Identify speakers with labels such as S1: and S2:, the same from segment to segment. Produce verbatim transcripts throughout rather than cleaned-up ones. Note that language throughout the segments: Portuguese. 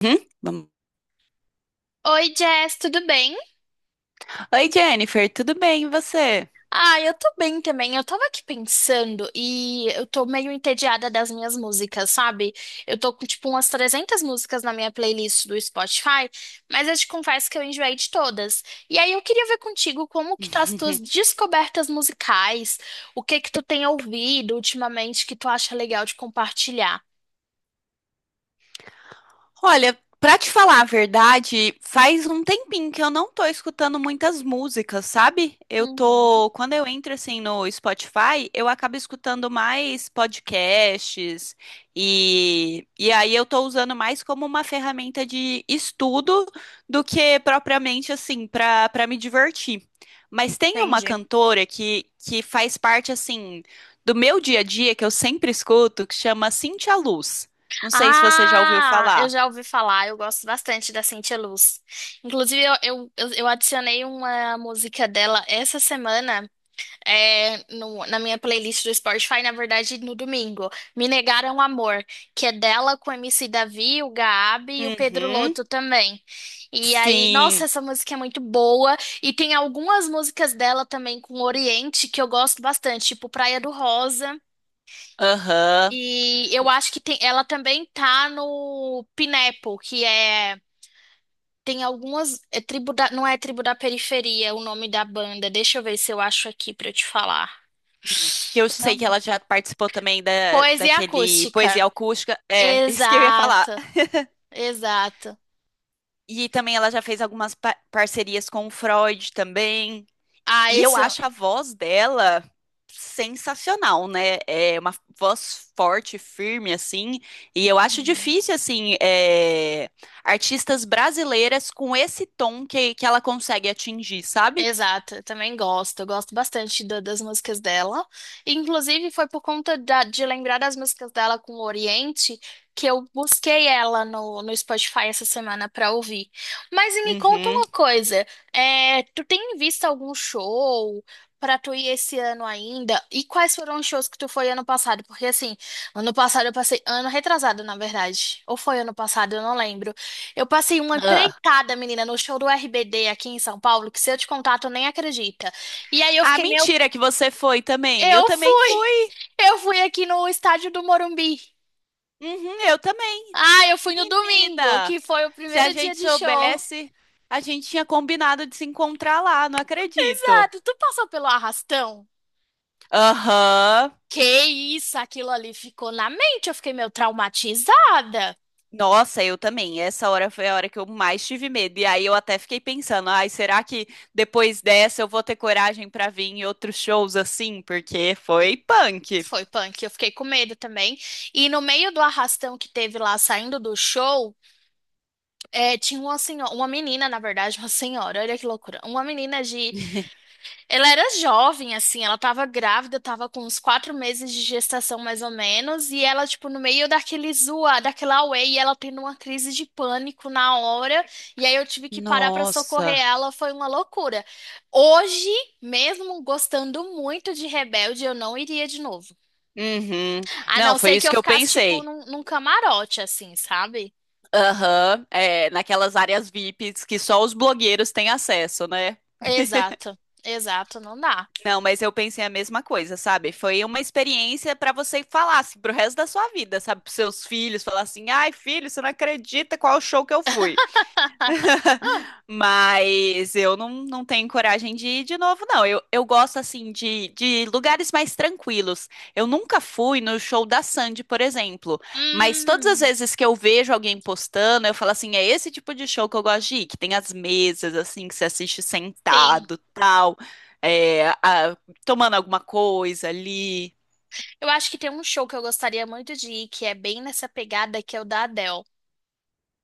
S1: Uhum, vamos.
S2: Oi, Jess, tudo bem?
S1: Oi, Jennifer, tudo bem? E você?
S2: Ah, eu tô bem também. Eu tava aqui pensando e eu tô meio entediada das minhas músicas, sabe? Eu tô com tipo umas trezentas músicas na minha playlist do Spotify, mas eu te confesso que eu enjoei de todas. E aí eu queria ver contigo como que tá as tuas descobertas musicais, o que que tu tem ouvido ultimamente que tu acha legal de compartilhar.
S1: Olha, pra te falar a verdade, faz um tempinho que eu não tô escutando muitas músicas, sabe? Eu
S2: Uhum,
S1: tô, quando eu entro assim no Spotify, eu acabo escutando mais podcasts e, e aí eu tô usando mais como uma ferramenta de estudo do que propriamente assim pra para me divertir. Mas tem uma
S2: entendi.
S1: cantora que que faz parte assim do meu dia a dia que eu sempre escuto, que chama Cintia Luz. Não sei se você já ouviu
S2: Ah, eu
S1: falar.
S2: já ouvi falar, eu gosto bastante da Cintia Luz. Inclusive, eu, eu, eu eu adicionei uma música dela essa semana é, no- na minha playlist do Spotify, na verdade, no domingo. Me Negaram Amor, que é dela com o M C Davi, o Gabi e o Pedro
S1: Uhum.
S2: Lotto também. E aí, nossa,
S1: Sim.
S2: essa música é muito boa. E tem algumas músicas dela também com o Oriente que eu gosto bastante, tipo Praia do Rosa.
S1: Aham.
S2: E eu acho que tem, ela também tá no Pineapple, que é. Tem algumas. É tribo da, não é tribo da periferia, é o nome da banda. Deixa eu ver se eu acho aqui pra eu te falar.
S1: Hum. Que eu sei que
S2: Não.
S1: ela já participou também da,
S2: Poesia
S1: daquele Poesia
S2: acústica.
S1: Acústica. É, isso que eu ia falar.
S2: Exato, exato.
S1: E também ela já fez algumas pa- parcerias com o Freud também.
S2: Ah,
S1: E eu
S2: esse. Eu-
S1: acho a voz dela sensacional, né? É uma voz forte, firme, assim. E eu acho
S2: Uhum.
S1: difícil, assim, é, artistas brasileiras com esse tom que, que ela consegue atingir, sabe?
S2: Exato, eu também gosto. Eu gosto bastante da- das músicas dela. E, inclusive, foi por conta da- de lembrar das músicas dela com o Oriente que eu busquei ela no, no Spotify essa semana pra ouvir. Mas e me conta
S1: Uhum.
S2: uma coisa: é, tu tem visto algum show pra tu ir esse ano ainda? E quais foram os shows que tu foi ano passado? Porque, assim, ano passado eu passei. Ano retrasado, na verdade. Ou foi ano passado, eu não lembro. Eu passei uma
S1: Ah.
S2: empreitada, menina, no show do R B D aqui em São Paulo, que se eu te contar, tu nem acredita. E aí eu
S1: Ah,
S2: fiquei, meu,
S1: mentira que você foi também. Eu
S2: eu
S1: também
S2: fui!
S1: fui.
S2: Eu fui aqui no estádio do Morumbi.
S1: Uhum, eu também.
S2: Ah, eu fui no domingo,
S1: Menina,
S2: que foi o
S1: se a
S2: primeiro dia
S1: gente
S2: de show.
S1: soubesse, a gente tinha combinado de se encontrar lá, não acredito.
S2: Exato, tu passou pelo arrastão?
S1: Aham.
S2: Que isso, aquilo ali ficou na mente, eu fiquei meio traumatizada.
S1: Nossa, eu também. Essa hora foi a hora que eu mais tive medo. E aí eu até fiquei pensando, ai, será que depois dessa eu vou ter coragem pra vir em outros shows assim? Porque foi punk.
S2: Foi punk, eu fiquei com medo também. E no meio do arrastão que teve lá saindo do show, é, tinha uma senhora, uma menina, na verdade, uma senhora, olha que loucura. Uma menina de. Ela era jovem, assim, ela tava grávida, tava com uns quatro meses de gestação, mais ou menos, e ela, tipo, no meio daquele zoa, daquela auê, e ela tendo uma crise de pânico na hora, e aí eu tive que parar pra socorrer
S1: Nossa.
S2: ela, foi uma loucura. Hoje, mesmo gostando muito de Rebelde, eu não iria de novo.
S1: Uhum.
S2: A
S1: Não,
S2: não
S1: foi
S2: ser que
S1: isso
S2: eu
S1: que eu
S2: ficasse, tipo,
S1: pensei.
S2: num, num camarote, assim, sabe?
S1: Aham, é, naquelas áreas VIPs que só os blogueiros têm acesso, né?
S2: Exato, exato, não dá.
S1: Não, mas eu pensei a mesma coisa, sabe? Foi uma experiência pra você falar assim, pro resto da sua vida, sabe? Pros seus filhos, falar assim: ai, filho, você não acredita qual show que eu fui. Mas eu não, não tenho coragem de ir de novo, não. Eu, eu gosto, assim, de, de lugares mais tranquilos. Eu nunca fui no show da Sandy, por exemplo. Mas todas as
S2: Hum,
S1: vezes que eu vejo alguém postando, eu falo assim: é esse tipo de show que eu gosto de ir, que tem as mesas, assim, que você assiste
S2: sim.
S1: sentado, tal, é, a- tomando alguma coisa ali.
S2: Eu acho que tem um show que eu gostaria muito de ir, que é bem nessa pegada que é o da Adele.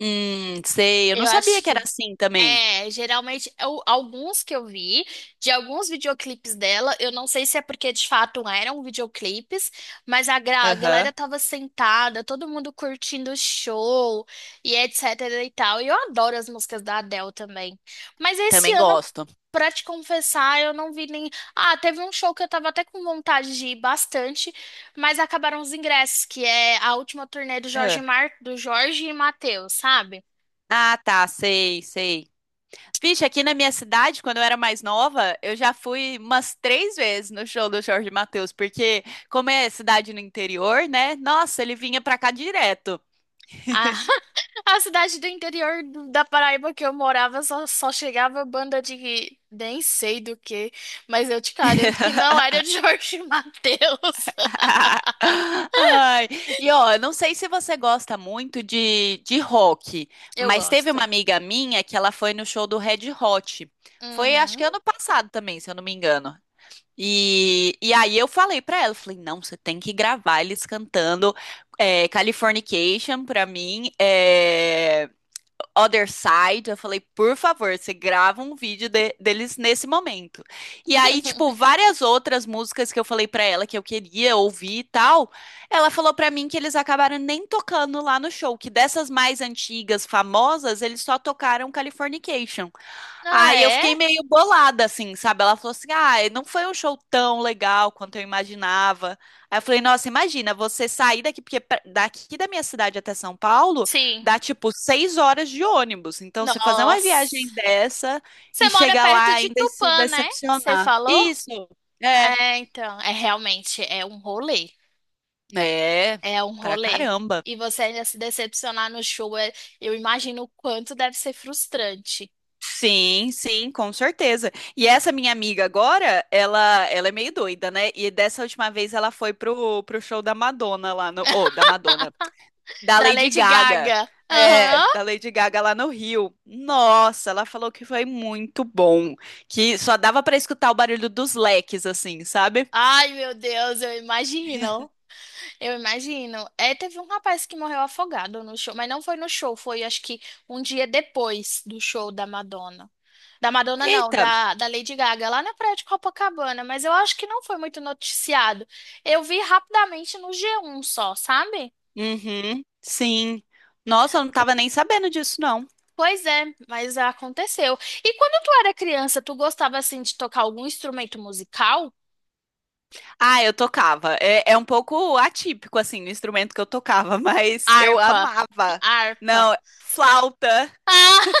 S1: Hum, sei. Eu não
S2: Eu
S1: sabia
S2: acho
S1: que
S2: que.
S1: era assim também.
S2: É, geralmente, eu- alguns que eu vi, de alguns videoclipes dela, eu não sei se é porque de fato eram videoclipes, mas a, gra- a galera
S1: Aham.
S2: tava sentada, todo mundo curtindo o show e etc e tal. E eu adoro as músicas da Adele também. Mas esse
S1: Também
S2: ano
S1: gosto.
S2: pra te confessar, eu não vi nem. Ah, teve um show que eu tava até com vontade de ir bastante, mas acabaram os ingressos, que é a última turnê do Jorge
S1: Ah,
S2: Mar... do Jorge e Mateus, sabe?
S1: Ah, tá, sei, sei. Vixe, aqui na minha cidade, quando eu era mais nova, eu já fui umas três vezes no show do Jorge Mateus, porque como é cidade no interior, né? Nossa, ele vinha pra cá direto.
S2: A... a cidade do interior do- da Paraíba que eu morava só, só chegava banda de nem sei do que, mas eu te garanto que não era de Jorge e Mateus.
S1: Ai, e ó, eu não sei se você gosta muito de, de rock,
S2: Eu
S1: mas teve uma
S2: gosto.
S1: amiga minha que ela foi no show do Red Hot. Foi, acho
S2: Uhum.
S1: que ano passado também, se eu não me engano. E, e aí eu falei pra ela, eu falei, não, você tem que gravar eles cantando é, Californication pra mim, é, Other Side. Eu falei, por favor, você grava um vídeo de- deles nesse momento. E aí, tipo, várias outras músicas que eu falei pra ela que eu queria ouvir e tal, ela falou pra mim que eles acabaram nem tocando lá no show, que dessas mais antigas, famosas, eles só tocaram Californication.
S2: Ah,
S1: Aí eu
S2: é?
S1: fiquei meio bolada, assim, sabe? Ela falou assim: ah, não foi um show tão legal quanto eu imaginava. Aí eu falei: nossa, imagina você sair daqui, porque pra- daqui da minha cidade até São Paulo
S2: Sim.
S1: dá tipo seis horas de ônibus. Então você fazer uma
S2: Nossa.
S1: viagem dessa
S2: Você
S1: e
S2: mora
S1: chegar lá
S2: perto de
S1: ainda e se
S2: Tupã, né? Você
S1: decepcionar.
S2: falou?
S1: Isso, é,
S2: É, então, é realmente, é um rolê.
S1: é,
S2: É um
S1: pra
S2: rolê.
S1: caramba.
S2: E você ainda se decepcionar no show, é- eu imagino o quanto deve ser frustrante.
S1: Sim, sim, com certeza. E essa minha amiga agora, ela, ela é meio doida, né? E dessa última vez ela foi pro, pro show da Madonna lá no, ou da Madonna, da
S2: Da
S1: Lady
S2: Lady
S1: Gaga.
S2: Gaga.
S1: É, da
S2: Aham.
S1: Lady Gaga lá no Rio. Nossa, ela falou que foi muito bom, que só dava pra escutar o barulho dos leques assim, sabe?
S2: Ai, meu Deus, eu imagino. Eu imagino. É, teve um rapaz que morreu afogado no show, mas não foi no show, foi acho que um dia depois do show da Madonna. Da Madonna, não,
S1: Eita.
S2: da, da Lady Gaga, lá na Praia de Copacabana, mas eu acho que não foi muito noticiado. Eu vi rapidamente no G um só, sabe?
S1: Uhum. Sim. Nossa, eu não tava nem sabendo disso não.
S2: Pois é, mas aconteceu. E quando tu era criança, tu gostava assim de tocar algum instrumento musical?
S1: Ah, eu tocava. É, é um pouco atípico, assim, no instrumento que eu tocava, mas eu
S2: Harpa,
S1: amava.
S2: harpa.
S1: Não, flauta.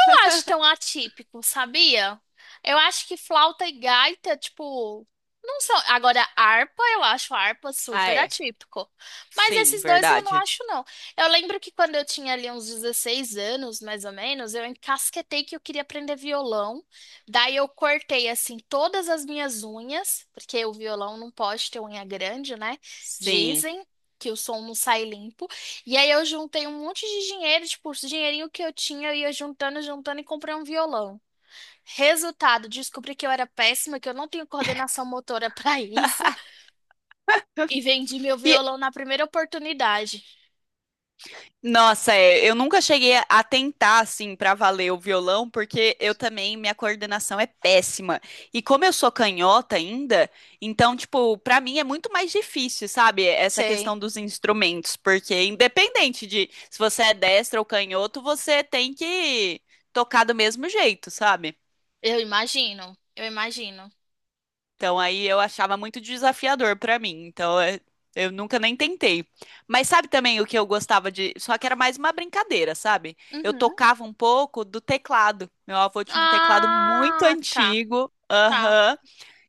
S2: Não acho tão atípico, sabia? Eu acho que flauta e gaita, tipo, não são. Agora, harpa, eu acho harpa
S1: Ah,
S2: super
S1: é.
S2: atípico. Mas
S1: Sim,
S2: esses dois eu não
S1: verdade.
S2: acho, não. Eu lembro que quando eu tinha ali uns dezesseis anos, mais ou menos, eu encasquetei que eu queria aprender violão. Daí eu cortei, assim, todas as minhas unhas, porque o violão não pode ter unha grande, né?
S1: Sim.
S2: Dizem que o som não sai limpo. E aí eu juntei um monte de dinheiro, tipo, os dinheirinho que eu tinha, eu ia juntando, juntando e comprei um violão. Resultado, descobri que eu era péssima, que eu não tenho coordenação motora pra isso e vendi meu
S1: E
S2: violão na primeira oportunidade.
S1: nossa, é, eu nunca cheguei a a tentar assim pra valer o violão, porque eu também minha coordenação é péssima. E como eu sou canhota ainda, então tipo, pra mim é muito mais difícil, sabe? Essa
S2: Sei,
S1: questão dos instrumentos, porque independente de se você é destro ou canhoto, você tem que tocar do mesmo jeito, sabe?
S2: eu imagino, eu imagino.
S1: Então aí eu achava muito desafiador pra mim. Então é, eu nunca nem tentei. Mas sabe também o que eu gostava de, só que era mais uma brincadeira, sabe? Eu
S2: Uhum.
S1: tocava um pouco do teclado. Meu avô tinha um teclado muito
S2: Ah, tá,
S1: antigo.
S2: tá.
S1: Aham.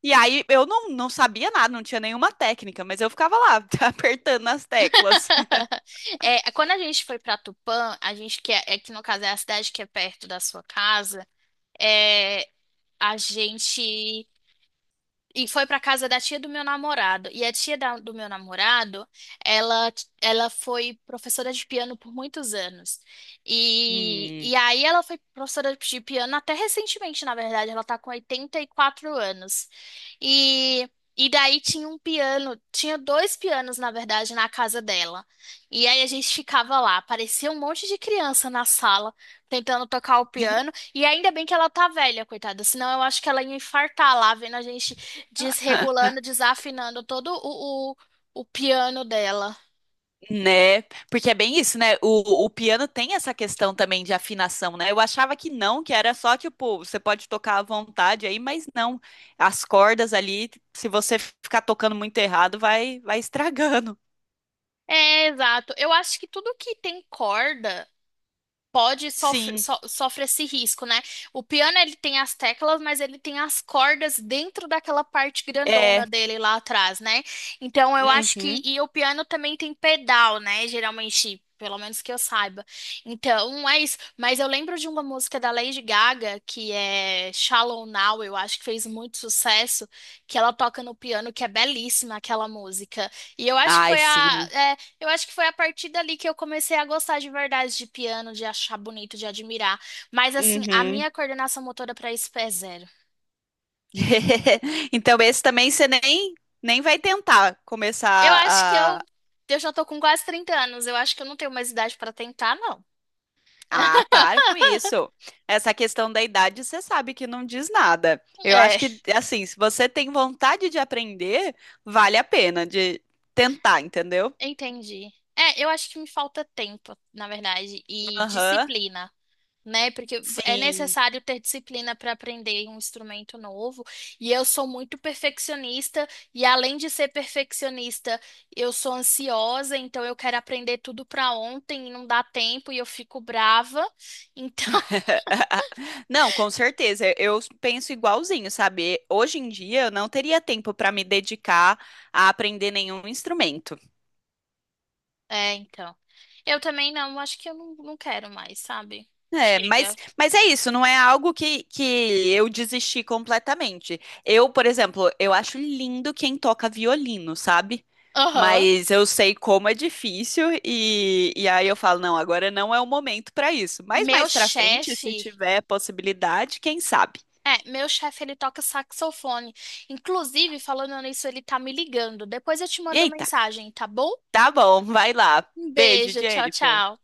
S1: E aí eu não, não sabia nada, não tinha nenhuma técnica, mas eu ficava lá apertando as teclas.
S2: É, quando a gente foi pra Tupã, a gente que é, é que no caso é a cidade que é perto da sua casa, é, a gente e foi pra casa da tia do meu namorado. E a tia da- do meu namorado, ela, ela foi professora de piano por muitos anos. E,
S1: Hum.
S2: e aí ela foi professora de piano até recentemente, na verdade. Ela tá com oitenta e quatro anos. E, e daí tinha um piano, tinha dois pianos, na verdade, na casa dela. E aí a gente ficava lá, parecia um monte de criança na sala, tentando tocar o piano. E ainda bem que ela tá velha, coitada, senão eu acho que ela ia infartar lá, vendo a gente desregulando, desafinando todo o, o, o piano dela.
S1: Né? Porque é bem isso, né? O, o piano tem essa questão também de afinação, né? Eu achava que não, que era só tipo, você pode tocar à vontade aí, mas não. As cordas ali, se você ficar tocando muito errado, vai, vai estragando.
S2: É, exato. Eu acho que tudo que tem corda. Pode sofre,
S1: Sim,
S2: so- sofre esse risco, né? O piano ele tem as teclas, mas ele tem as cordas dentro daquela parte grandona
S1: é.
S2: dele lá atrás, né? Então eu acho que
S1: Uhum.
S2: e o piano também tem pedal, né? Geralmente, pelo menos que eu saiba. Então é isso. Mas eu lembro de uma música da Lady Gaga que é Shallow Now, eu acho que fez muito sucesso, que ela toca no piano, que é belíssima aquela música. E eu acho que
S1: Ai,
S2: foi a
S1: sim.
S2: é, eu acho que foi a partir dali que eu comecei a gostar de verdade de piano, de achar bonito, de admirar. Mas assim, a
S1: Uhum.
S2: minha coordenação motora para isso é zero.
S1: Então, esse também você nem, nem vai tentar
S2: Eu
S1: começar.
S2: acho que eu, eu já tô com quase trinta anos. Eu acho que eu não tenho mais idade para tentar, não.
S1: Ah, para com isso. Essa questão da idade, você sabe que não diz nada. Eu acho
S2: É,
S1: que, assim, se você tem vontade de aprender, vale a pena de tentar, entendeu?
S2: entendi. É, eu acho que me falta tempo, na verdade, e
S1: Aham,
S2: disciplina. Né? Porque é
S1: sim.
S2: necessário ter disciplina para aprender um instrumento novo. E eu sou muito perfeccionista, e além de ser perfeccionista, eu sou ansiosa, então eu quero aprender tudo para ontem e não dá tempo e eu fico brava. Então,
S1: Não, com certeza. Eu penso igualzinho, sabe? Hoje em dia, eu não teria tempo para me dedicar a aprender nenhum instrumento.
S2: é, então. Eu também não, acho que eu não, não quero mais, sabe?
S1: É, mas,
S2: Chega.
S1: mas é isso, não é algo que, que eu desisti completamente. Eu, por exemplo, eu acho lindo quem toca violino, sabe?
S2: Aham.
S1: Mas eu sei como é difícil e, e aí eu falo, não, agora não é o momento para isso. Mas
S2: Meu
S1: mais para frente, se
S2: chefe.
S1: tiver possibilidade, quem sabe?
S2: É, meu chefe, ele toca saxofone. Inclusive, falando nisso, ele tá me ligando. Depois eu te mando
S1: Eita,
S2: mensagem, tá bom?
S1: tá bom, vai lá.
S2: Um
S1: Beijo,
S2: beijo, tchau,
S1: Jennifer.
S2: tchau.